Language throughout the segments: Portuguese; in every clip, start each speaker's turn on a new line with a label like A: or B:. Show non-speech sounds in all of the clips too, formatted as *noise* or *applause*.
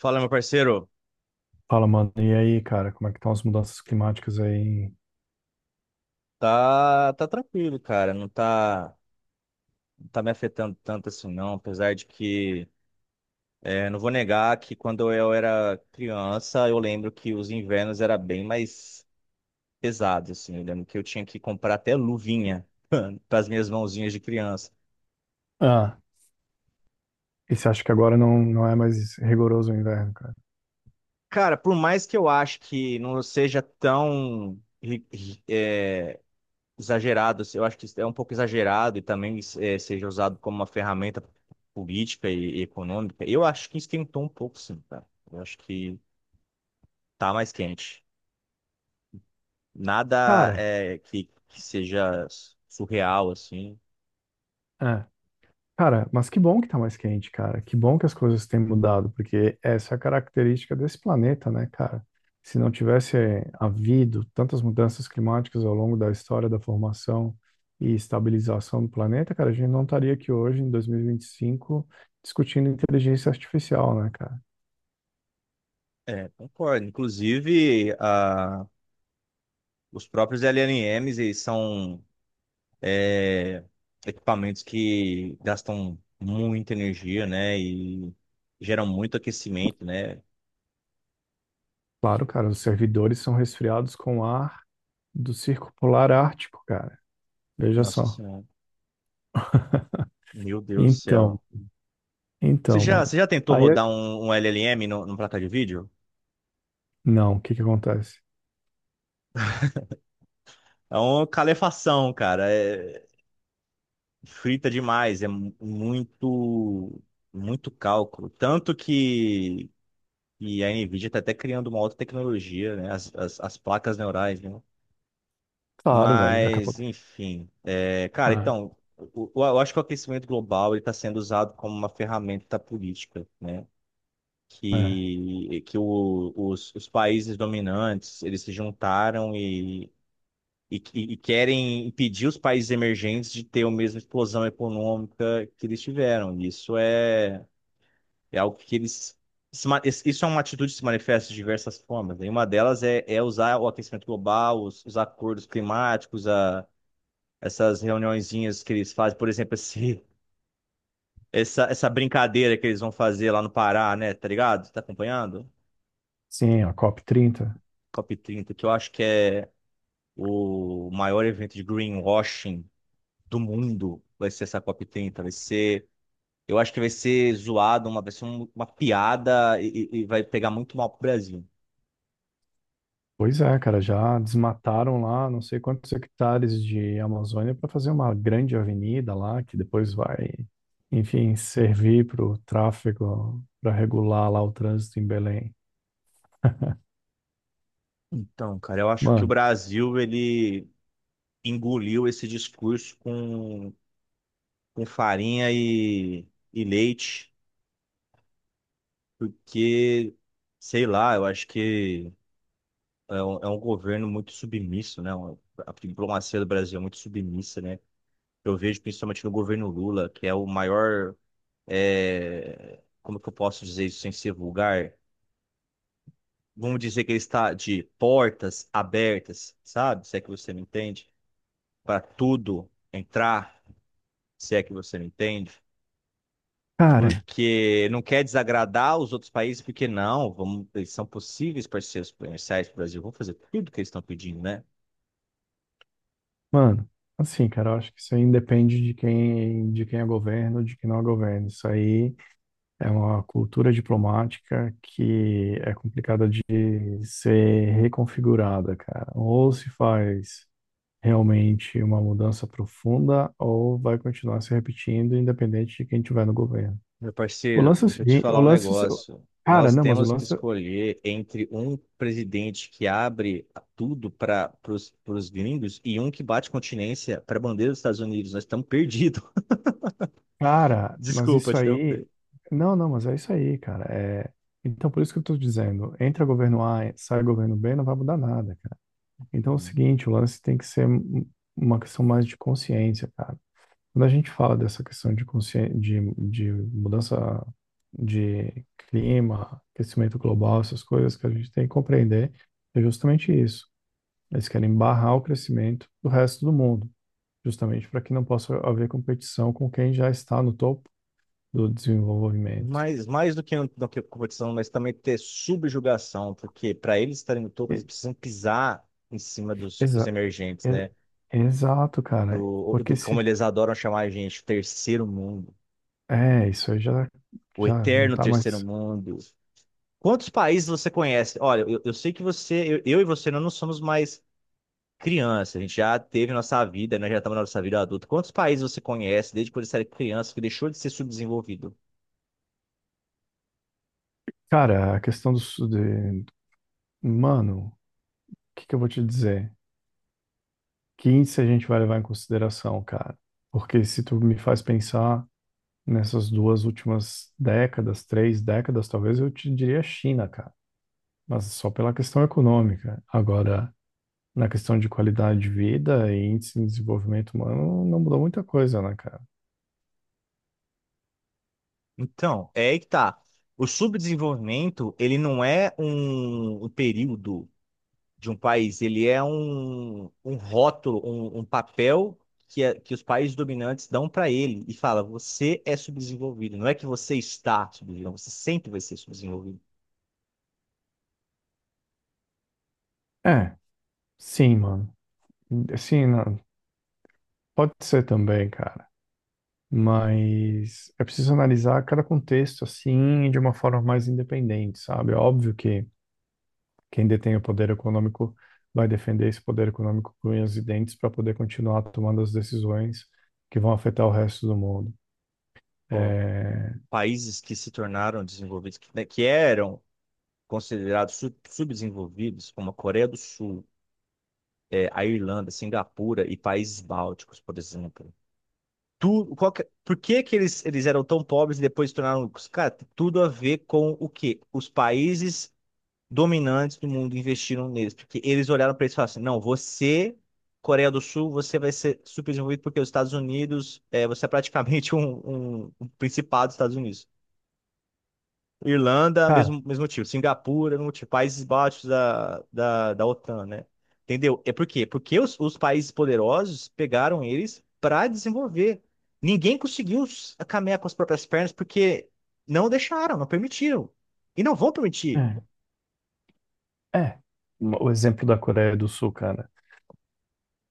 A: Fala, meu parceiro.
B: Fala, mano. E aí, cara, como é que estão as mudanças climáticas aí?
A: Tá tranquilo, cara. Não tá, não tá me afetando tanto assim, não. Apesar de que, não vou negar que quando eu era criança, eu lembro que os invernos era bem mais pesados assim. Eu lembro que eu tinha que comprar até luvinha *laughs* para as minhas mãozinhas de criança.
B: Ah, e você acha que agora não é mais rigoroso o inverno, cara?
A: Cara, por mais que eu ache que não seja tão exagerado. Assim, eu acho que isso é um pouco exagerado e também seja usado como uma ferramenta política e econômica. Eu acho que esquentou um pouco, sim, cara. Eu acho que tá mais quente. Nada
B: Cara,
A: que seja surreal, assim.
B: é. Cara, mas que bom que tá mais quente, cara. Que bom que as coisas têm mudado, porque essa é a característica desse planeta, né, cara? Se não tivesse havido tantas mudanças climáticas ao longo da história da formação e estabilização do planeta, cara, a gente não estaria aqui hoje, em 2025, discutindo inteligência artificial, né, cara?
A: É, concordo. Inclusive, os próprios LLMs, eles são eh, equipamentos que gastam muita energia, né? E geram muito aquecimento, né?
B: Claro, cara, os servidores são resfriados com ar do Circo Polar Ártico, cara. Veja
A: Nossa
B: só.
A: Senhora. Meu Deus do
B: Então,
A: céu. Você
B: então,
A: já,
B: mano.
A: você já tentou
B: Aí,
A: rodar um LLM no, numa placa de vídeo?
B: não, o que que acontece?
A: É uma calefação, cara. É frita demais. É muito cálculo. Tanto que a NVIDIA está até criando uma outra tecnologia, né? As placas neurais, né?
B: Claro, velho, daqui a
A: Mas,
B: pouco.
A: enfim. É, cara,
B: Ah,
A: então, eu acho que o aquecimento global está sendo usado como uma ferramenta política, né?
B: é.
A: Que os países dominantes, eles se juntaram e querem impedir os países emergentes de ter a mesma explosão econômica que eles tiveram. Isso é algo que eles. Se ma- es- Isso é uma atitude que se manifesta de diversas formas, né? E uma delas é usar o aquecimento global, os acordos climáticos, essas reuniõezinhas que eles fazem, por exemplo, *laughs* essa brincadeira que eles vão fazer lá no Pará, né? Tá ligado? Tá acompanhando?
B: Sim, a COP30.
A: COP30, que eu acho que é o maior evento de greenwashing do mundo, vai ser essa COP30. Vai ser. Eu acho que vai ser zoado, vai ser uma piada e vai pegar muito mal pro Brasil.
B: Pois é, cara, já desmataram lá não sei quantos hectares de Amazônia para fazer uma grande avenida lá, que depois vai, enfim, servir para o tráfego, para regular lá o trânsito em Belém.
A: Então, cara, eu acho que o
B: Mano,
A: Brasil, ele engoliu esse discurso com farinha e leite, porque, sei lá, eu acho que é um governo muito submisso, né? A diplomacia do Brasil é muito submissa, né? Eu vejo principalmente no governo Lula, que é o maior como que eu posso dizer isso sem ser vulgar? Vamos dizer que ele está de portas abertas, sabe? Se é que você me entende, para tudo entrar, se é que você me entende,
B: cara,
A: porque não quer desagradar os outros países, porque não, vamos, eles são possíveis parceiros comerciais do Brasil, vão fazer tudo que eles estão pedindo, né?
B: Mano, assim, cara, eu acho que isso aí independe de quem é governo, de quem não é governo. Isso aí é uma cultura diplomática que é complicada de ser reconfigurada, cara. Ou se faz realmente uma mudança profunda, ou vai continuar se repetindo, independente de quem tiver no governo.
A: Meu
B: O
A: parceiro,
B: lance é o
A: deixa eu te
B: seguinte, o
A: falar um
B: lance, é o-
A: negócio.
B: cara,
A: Nós
B: não, mas o
A: temos que
B: lance
A: escolher entre um presidente que abre tudo para os gringos e um que bate continência para a bandeira dos Estados Unidos. Nós estamos perdidos. *laughs*
B: Cara, mas
A: Desculpa
B: isso
A: te
B: aí.
A: interromper.
B: Não, não, mas é isso aí, cara. É... Então, por isso que eu tô dizendo: entra governo A, sai governo B, não vai mudar nada, cara. Então, é o
A: Uhum.
B: seguinte: o lance tem que ser um- uma questão mais de consciência, cara. Quando a gente fala dessa questão de consciência, de mudança de clima, aquecimento global, essas coisas que a gente tem que compreender, é justamente isso. Eles querem barrar o crescimento do resto do mundo, justamente para que não possa haver competição com quem já está no topo do desenvolvimento.
A: Mas mais do que competição, mas também ter subjugação, porque para eles estarem no topo, eles
B: E-
A: precisam pisar em cima dos
B: exa-
A: emergentes,
B: e-
A: né?
B: exato, cara.
A: Do, do
B: Porque
A: como
B: se.
A: eles adoram chamar a gente, terceiro mundo,
B: É, isso aí já,
A: o
B: já não
A: eterno
B: tá
A: terceiro
B: mais.
A: mundo. Quantos países você conhece? Olha, eu sei que você, eu e você, nós não somos mais criança, a gente já teve nossa vida, nós já estamos na nossa vida adulta. Quantos países você conhece desde quando você era criança que deixou de ser subdesenvolvido?
B: Cara, a questão do. Su- De, mano, o que que eu vou te dizer? Que índice a gente vai levar em consideração, cara? Porque se tu me faz pensar nessas duas últimas décadas, três décadas, talvez eu te diria China, cara. Mas só pela questão econômica. Agora, na questão de qualidade de vida e índice de desenvolvimento humano, não mudou muita coisa, né, cara?
A: Então, é aí que tá. O subdesenvolvimento, ele não é um período de um país, ele é um rótulo, um papel que os países dominantes dão para ele e fala, você é subdesenvolvido, não é que você está subdesenvolvido, você sempre vai ser subdesenvolvido.
B: É, sim, mano. Sim, não, pode ser também, cara. Mas é preciso analisar cada contexto assim de uma forma mais independente, sabe? É óbvio que quem detém o poder econômico vai defender esse poder econômico com unhas e dentes para poder continuar tomando as decisões que vão afetar o resto do mundo.
A: Ó,
B: É,
A: países que se tornaram desenvolvidos, que, né, que eram considerados subdesenvolvidos, como a Coreia do Sul, a Irlanda, Singapura e países bálticos, por exemplo. Tu, por que que eles eram tão pobres e depois se tornaram ricos? Cara, tem tudo a ver com o quê? Os países dominantes do mundo investiram neles, porque eles olharam para eles e falaram assim, não, você... Coreia do Sul, você vai ser subdesenvolvido porque os Estados Unidos, você é praticamente *laughs* um principado dos Estados Unidos. Irlanda,
B: Cara,
A: mesmo, mesmo motivo. Singapura, mesmo motivo. Países Baixos da OTAN, né? Entendeu? É por quê? Porque os países poderosos pegaram eles para desenvolver. Ninguém conseguiu caminhar com as próprias pernas porque não deixaram, não permitiram. E não vão permitir.
B: é, é. O exemplo da Coreia do Sul, cara.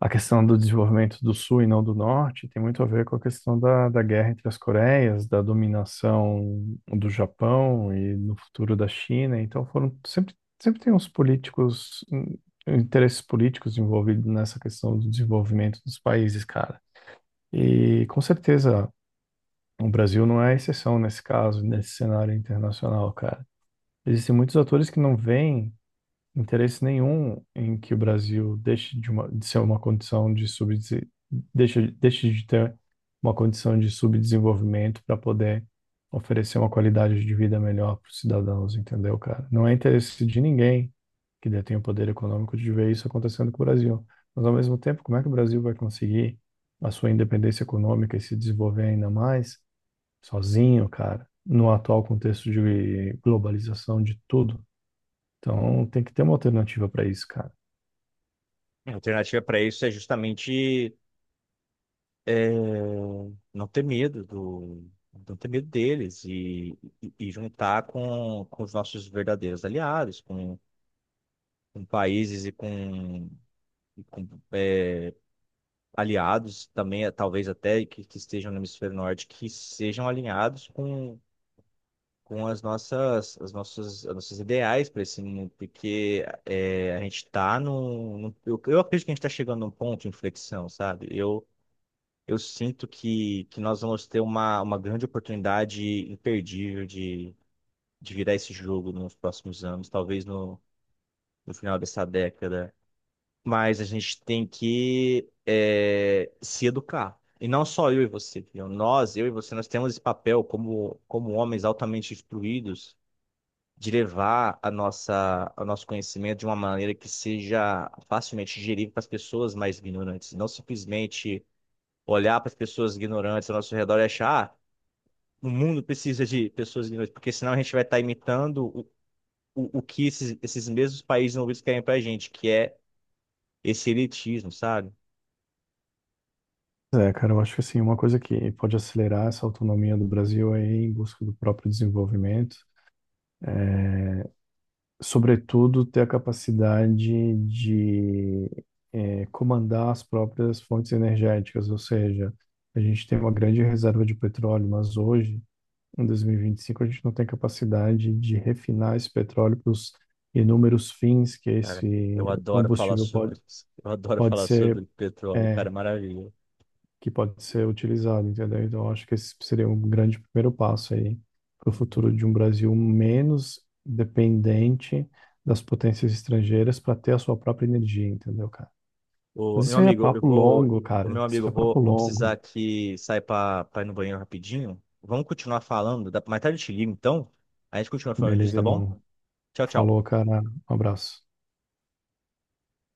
B: A questão do desenvolvimento do Sul e não do Norte tem muito a ver com a questão da guerra entre as Coreias, da dominação do Japão e no futuro da China. Então foram sempre, sempre tem uns políticos, interesses políticos envolvidos nessa questão do desenvolvimento dos países, cara. E com certeza o Brasil não é a exceção nesse caso, nesse cenário internacional, cara. Existem muitos atores que não veem interesse nenhum em que o Brasil deixe de, uma, de ser uma condição de subdese- deixe, deixe de ter uma condição de subdesenvolvimento para poder oferecer uma qualidade de vida melhor para os cidadãos, entendeu, cara? Não é interesse de ninguém que detém o poder econômico de ver isso acontecendo com o Brasil. Mas, ao mesmo tempo, como é que o Brasil vai conseguir a sua independência econômica e se desenvolver ainda mais sozinho, cara, no atual contexto de globalização de tudo? Então, tem que ter uma alternativa para isso, cara.
A: A alternativa para isso é justamente é, não ter medo não ter medo deles e juntar com os nossos verdadeiros aliados, com países e com aliados também, talvez até que estejam no hemisfério norte, que sejam alinhados com, com as nossas ideais para esse mundo, porque a gente está eu acredito que a gente está chegando num ponto de inflexão, sabe? Eu sinto que nós vamos ter uma grande oportunidade imperdível de virar esse jogo nos próximos anos, talvez no final dessa década. Mas a gente tem que se educar. E não só eu e você, entendeu? Nós, eu e você, nós temos esse papel como, como homens altamente instruídos de levar a nossa, o nosso conhecimento de uma maneira que seja facilmente digerível para as pessoas mais ignorantes. Não simplesmente olhar para as pessoas ignorantes ao nosso redor e achar, ah, o mundo precisa de pessoas ignorantes, porque senão a gente vai estar imitando o que esses, esses mesmos países envolvidos querem para a gente, que é esse elitismo, sabe?
B: É, cara, eu acho que assim, uma coisa que pode acelerar essa autonomia do Brasil é ir em busca do próprio desenvolvimento, sobretudo ter a capacidade de comandar as próprias fontes energéticas, ou seja, a gente tem uma grande reserva de petróleo, mas hoje, em 2025, a gente não tem capacidade de refinar esse petróleo para os inúmeros fins que
A: Cara,
B: esse
A: eu adoro falar
B: combustível
A: sobre isso. Eu adoro
B: pode
A: falar
B: ser
A: sobre petróleo, cara,
B: eh,
A: é maravilha.
B: que pode ser utilizado, entendeu? Então, eu acho que esse seria um grande primeiro passo aí para o
A: Uhum.
B: futuro de um Brasil menos dependente das potências estrangeiras para ter a sua própria energia, entendeu, cara?
A: O
B: Mas
A: meu
B: isso aí é
A: amigo, eu
B: papo
A: vou,
B: longo,
A: o meu
B: cara. Isso
A: amigo,
B: é papo
A: eu vou precisar
B: longo.
A: que sair para ir no banheiro rapidinho. Vamos continuar falando, mais tarde eu te ligo, então. A gente continua falando disso,
B: Beleza,
A: tá bom?
B: irmão.
A: Tchau, tchau.
B: Falou, cara. Um abraço.